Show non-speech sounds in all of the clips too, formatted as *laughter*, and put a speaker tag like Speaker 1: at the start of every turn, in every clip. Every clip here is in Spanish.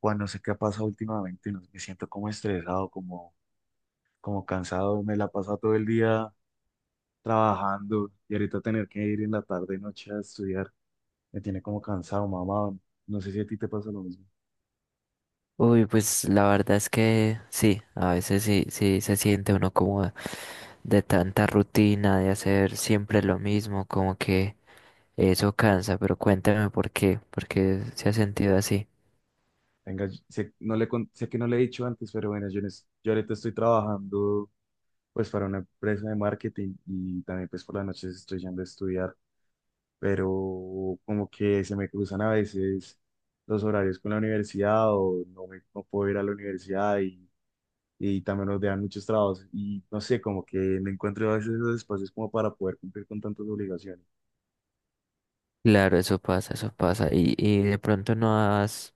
Speaker 1: Juan, no sé qué ha pasado últimamente, no sé, me siento como estresado, como, como cansado, me la paso todo el día trabajando y ahorita tener que ir en la tarde y noche a estudiar, me tiene como cansado, mamá, no sé si a ti te pasa lo mismo.
Speaker 2: Uy, pues la verdad es que sí, a veces sí, sí se siente uno como de tanta rutina, de hacer siempre lo mismo, como que eso cansa, pero cuéntame por qué se ha sentido así.
Speaker 1: Venga, sé, no le, sé que no le he dicho antes, pero bueno, yo, yo ahorita estoy trabajando pues para una empresa de marketing y también pues por las noches estoy yendo a estudiar, pero como que se me cruzan a veces los horarios con la universidad o no, me, no puedo ir a la universidad y también nos dejan muchos trabajos y no sé, como que no encuentro a veces esos espacios como para poder cumplir con tantas obligaciones.
Speaker 2: Claro, eso pasa, eso pasa. Y de pronto no has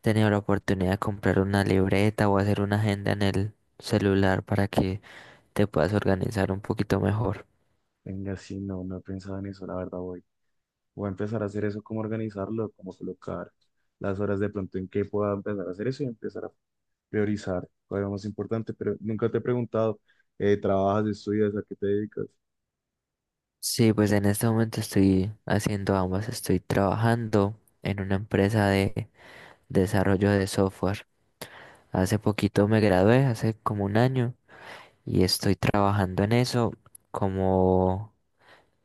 Speaker 2: tenido la oportunidad de comprar una libreta o hacer una agenda en el celular para que te puedas organizar un poquito mejor.
Speaker 1: Venga, sí, no, no he pensado en eso, la verdad voy. Voy a empezar a hacer eso, cómo organizarlo, cómo colocar las horas de pronto en que pueda empezar a hacer eso y empezar a priorizar, cuál es lo más importante, pero nunca te he preguntado, ¿trabajas, estudias, a qué te dedicas?
Speaker 2: Sí, pues en este momento estoy haciendo ambas, estoy trabajando en una empresa de desarrollo de software. Hace poquito me gradué, hace como un año, y estoy trabajando en eso como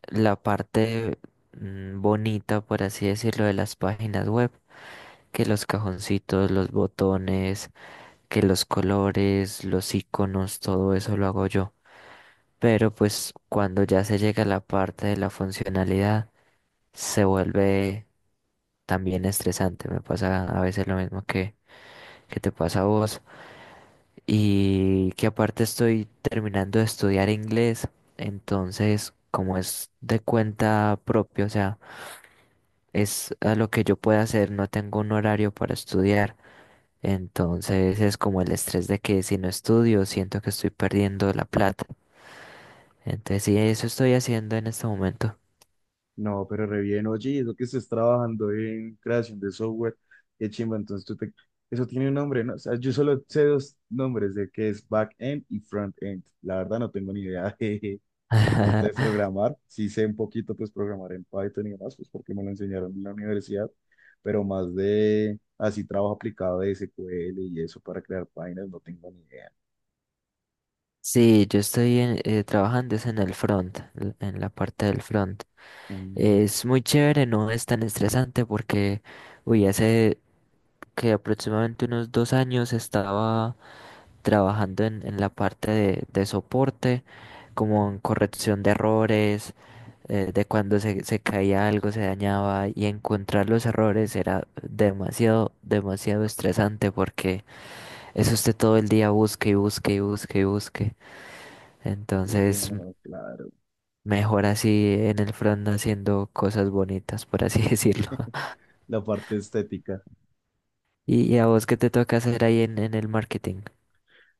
Speaker 2: la parte bonita, por así decirlo, de las páginas web, que los cajoncitos, los botones, que los colores, los iconos, todo eso lo hago yo. Pero pues cuando ya se llega a la parte de la funcionalidad, se vuelve también estresante. Me pasa a veces lo mismo que te pasa a vos y que aparte estoy terminando de estudiar inglés, entonces como es de cuenta propia, o sea, es a lo que yo pueda hacer, no tengo un horario para estudiar, entonces es como el estrés de que si no estudio siento que estoy perdiendo la plata, entonces sí, eso estoy haciendo en este momento.
Speaker 1: No, pero re bien, oye, eso que estés trabajando en creación de software, qué chimba, entonces tú te... Eso tiene un nombre, ¿no? O sea, yo solo sé dos nombres de que es back-end y front-end. La verdad no tengo ni idea *laughs* de tanto de
Speaker 2: *laughs*
Speaker 1: programar. Sí sé un poquito, pues, programar en Python y demás, pues, porque me lo enseñaron en la universidad, pero más de así trabajo aplicado de SQL y eso para crear páginas, no tengo ni idea.
Speaker 2: Sí, yo trabajando es en el front, en la parte del front.
Speaker 1: Mm,
Speaker 2: Es muy chévere, no es tan estresante porque, uy, hace que aproximadamente unos 2 años estaba trabajando en la parte de soporte, como en corrección de errores, de cuando se caía algo, se dañaba, y encontrar los errores era demasiado, demasiado estresante porque eso usted todo el día busque y busque y busque y busque. Entonces...
Speaker 1: bueno, claro.
Speaker 2: Mejor así en el front haciendo cosas bonitas, por así *laughs* decirlo.
Speaker 1: *laughs* La parte estética.
Speaker 2: ¿Y a vos qué te toca hacer ahí en el marketing?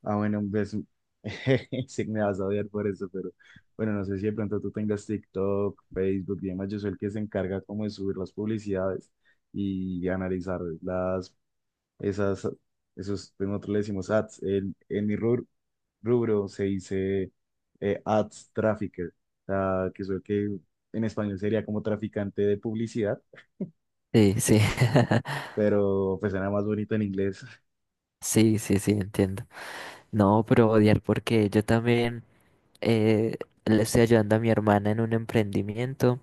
Speaker 1: Ah, bueno, pues *laughs* sí me vas a odiar por eso, pero bueno, no sé si de pronto tú tengas TikTok, Facebook y demás. Yo soy el que se encarga como de subir las publicidades y analizar las, esas, esos, nosotros le decimos ads. En mi rubro, rubro se dice ads trafficker, o sea, que soy el que en español sería como traficante de publicidad,
Speaker 2: Sí, sí. *laughs*
Speaker 1: pero pues era más bonito en inglés.
Speaker 2: Sí, sí, sí, entiendo. No, pero odiar porque yo también eh, le estoy ayudando a mi hermana en un emprendimiento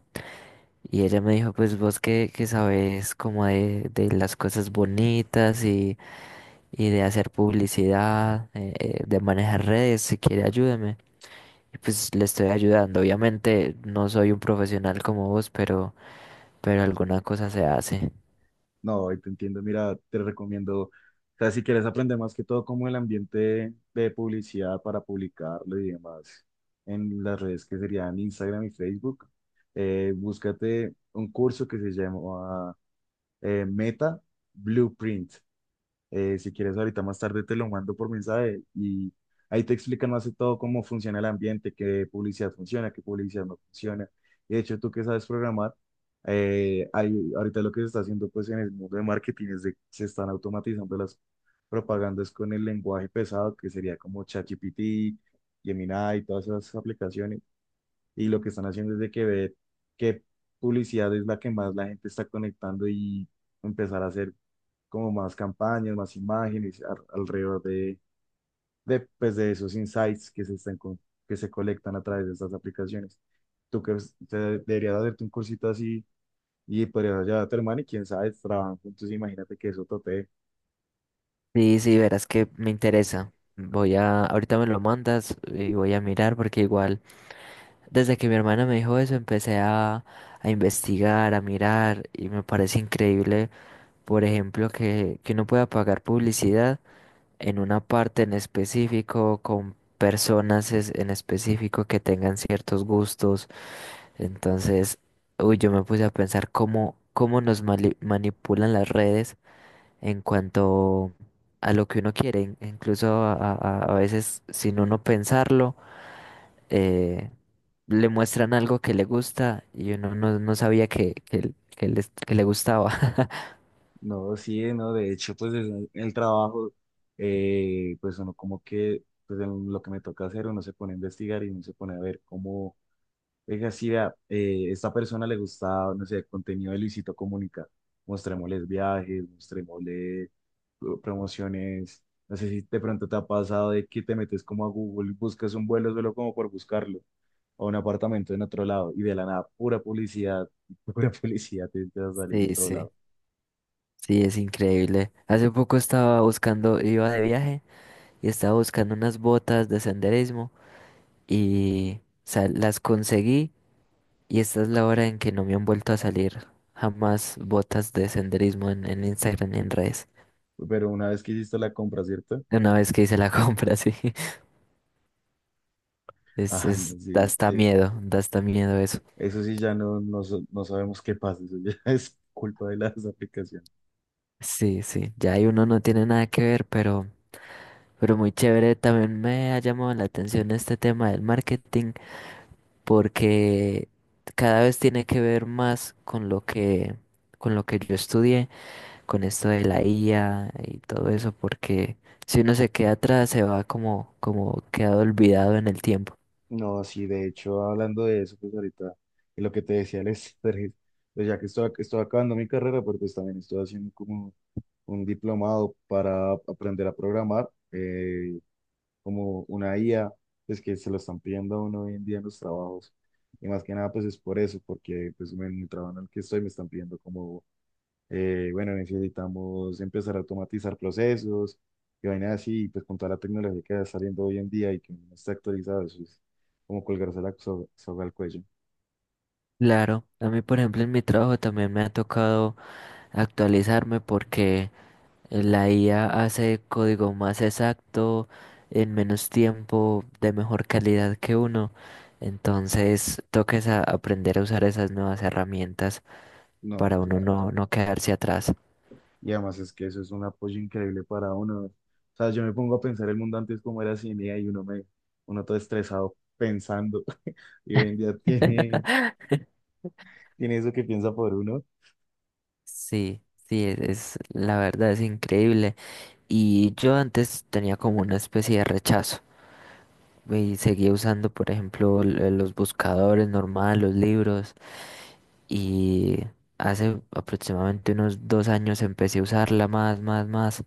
Speaker 2: y ella me dijo, pues vos que sabes como de las cosas bonitas y de hacer publicidad, de manejar redes, si quiere ayúdame. Y pues le estoy ayudando. Obviamente no soy un profesional como vos, pero alguna cosa se hace.
Speaker 1: No, ahí te entiendo. Mira, te recomiendo, o sea, si quieres aprender más que todo como el ambiente de publicidad para publicarlo y demás en las redes que serían Instagram y Facebook, búscate un curso que se llama Meta Blueprint. Si quieres, ahorita más tarde te lo mando por mensaje y ahí te explican más de todo cómo funciona el ambiente, qué publicidad funciona, qué publicidad no funciona. De hecho, tú que sabes programar, ahorita lo que se está haciendo pues en el mundo de marketing es de se están automatizando las propagandas con el lenguaje pesado, que sería como ChatGPT, Gemini y todas esas aplicaciones y lo que están haciendo es de que ver qué publicidad es la que más la gente está conectando y empezar a hacer como más campañas, más imágenes alrededor de, pues, de esos insights que se están que se colectan a través de estas aplicaciones. Tú que es- te- deberías hacerte un cursito así y podrías llevar a tu hermano y quién sabe, trabajan juntos, imagínate que eso tope.
Speaker 2: Sí, sí, verás que me interesa. Ahorita me lo mandas y voy a mirar porque igual... Desde que mi hermana me dijo eso, a investigar, a mirar, y me parece increíble, por ejemplo, que uno pueda pagar publicidad en una parte en específico, con personas en específico que tengan ciertos gustos. Entonces, uy, yo me puse a pensar cómo, cómo nos manipulan las redes en cuanto a lo que uno quiere, incluso a veces sin uno pensarlo. eh, Le muestran algo que le gusta y uno no, no sabía que que le gustaba. *laughs*
Speaker 1: No, sí, no, de hecho, pues en el trabajo, pues uno como que, pues en lo que me toca hacer, uno se pone a investigar y uno se pone a ver cómo, oiga, si vea, esta persona le gusta, no sé, el contenido de Luisito Comunica, mostrémosles viajes, mostrémosle promociones, no sé si de pronto te ha pasado de que te metes como a Google, buscas un vuelo solo como por buscarlo, o un apartamento en otro lado, y de la nada, pura publicidad, *laughs* pura publicidad te, te va a salir en
Speaker 2: Sí,
Speaker 1: todo
Speaker 2: sí,
Speaker 1: lado.
Speaker 2: sí, es increíble. Hace poco estaba buscando, iba de viaje y estaba buscando unas botas de senderismo y o sea, las conseguí y esta es la hora en que no me han vuelto a salir jamás botas de senderismo en Instagram ni en redes.
Speaker 1: Pero una vez que hiciste la compra, ¿cierto?
Speaker 2: Una vez que hice la *laughs* compra, sí,
Speaker 1: Ah,
Speaker 2: es,
Speaker 1: no, sí, es que
Speaker 2: da hasta miedo eso.
Speaker 1: eso sí ya no, no, no sabemos qué pasa, eso ya *laughs* es culpa de las aplicaciones.
Speaker 2: Sí, sí, ya ahí uno no tiene nada que ver, pero... Pero muy chévere, también me ha llamado la atención este tema del marketing porque cada vez tiene que ver más con lo que yo estudié, con esto de la IA y todo eso, porque si uno se queda atrás se va como como quedado olvidado en el tiempo.
Speaker 1: No, sí, de hecho, hablando de eso, pues ahorita, de lo que te decía el estrés, pues ya que estoy, estoy acabando mi carrera, pero pues también estoy haciendo como un diplomado para aprender a programar, como una IA, pues que se lo están pidiendo a uno hoy en día en los trabajos. Y más que nada, pues es por eso, porque pues en mi trabajo en el que estoy me están pidiendo como eh, bueno, necesitamos empezar a automatizar procesos y vainas así, y pues con toda la tecnología que está saliendo hoy en día y que no está actualizada, eso es como colgarse la soga al cuello.
Speaker 2: Claro, a mí por ejemplo en mi trabajo también me ha tocado actualizarme porque la IA hace código más exacto, en menos tiempo, de mejor calidad que uno. Entonces, toques a aprender a usar esas nuevas herramientas
Speaker 1: No,
Speaker 2: para uno
Speaker 1: claro.
Speaker 2: no, no quedarse atrás.
Speaker 1: Y además es que eso es un apoyo increíble para uno. O sea, yo me pongo a pensar el mundo antes como era sin IA y uno me, uno todo estresado pensando *laughs* y hoy en día tiene,
Speaker 2: *laughs*
Speaker 1: tiene eso que piensa por uno.
Speaker 2: Sí, sí, la verdad es increíble. Y yo antes tenía como una especie de rechazo y seguía usando, por ejemplo, los buscadores normales, los libros. Y hace aproximadamente unos dos años empecé a usarla más, más, más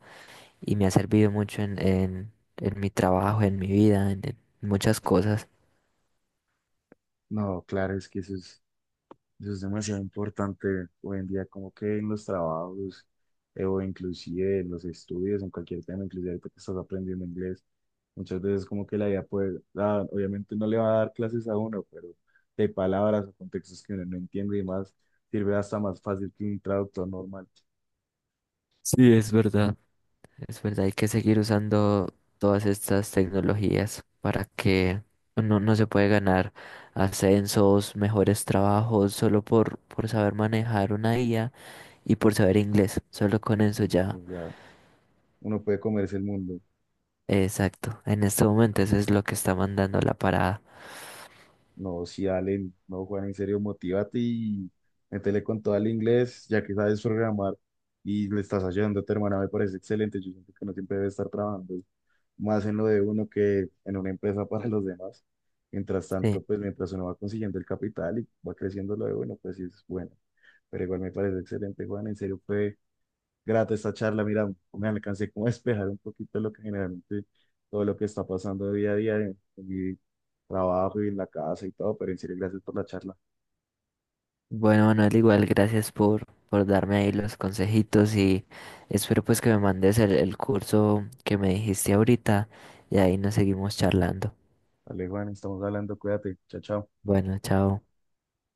Speaker 2: y me ha servido mucho en mi trabajo, en mi vida, en muchas cosas.
Speaker 1: No, claro, es que eso es, eso es demasiado importante hoy en día, como que en los trabajos o inclusive en los estudios, en cualquier tema, inclusive ahorita que estás aprendiendo inglés, muchas veces como que la idea puede, ah, obviamente no le va a dar clases a uno, pero de palabras o contextos que uno no entiende y más, sirve hasta más fácil que un traductor normal.
Speaker 2: Sí, es verdad. Es verdad, hay que seguir usando todas estas tecnologías para que no, no se puede ganar ascensos, mejores trabajos, solo por saber manejar una IA y por saber inglés. Solo con eso
Speaker 1: Y,
Speaker 2: ya.
Speaker 1: o sea, uno puede comerse el mundo.
Speaker 2: Exacto. En este momento eso es lo que está mandando la parada.
Speaker 1: No, si Allen, no, Juan, en serio, motívate y métele con todo al inglés, ya que sabes programar y le estás ayudando a tu hermana, me parece excelente. Yo siento que no siempre debe estar trabajando más en lo de uno que en una empresa *laughs* para los demás. Mientras tanto,
Speaker 2: Sí.
Speaker 1: pues mientras uno va consiguiendo el capital y va creciendo lo de uno, pues sí es bueno. Pero igual me parece excelente, Juan, en serio, fue grata esta charla. Mira, me alcancé como a despejar un poquito lo que generalmente todo lo que está pasando día a día en mi trabajo y en la casa y todo, pero en serio, gracias por la charla.
Speaker 2: Bueno, Manuel, igual gracias por darme ahí los consejitos y espero pues que me mandes el curso que me dijiste ahorita y ahí nos seguimos charlando.
Speaker 1: Vale, Juan, estamos hablando, cuídate, chao, chao.
Speaker 2: Bueno, chao.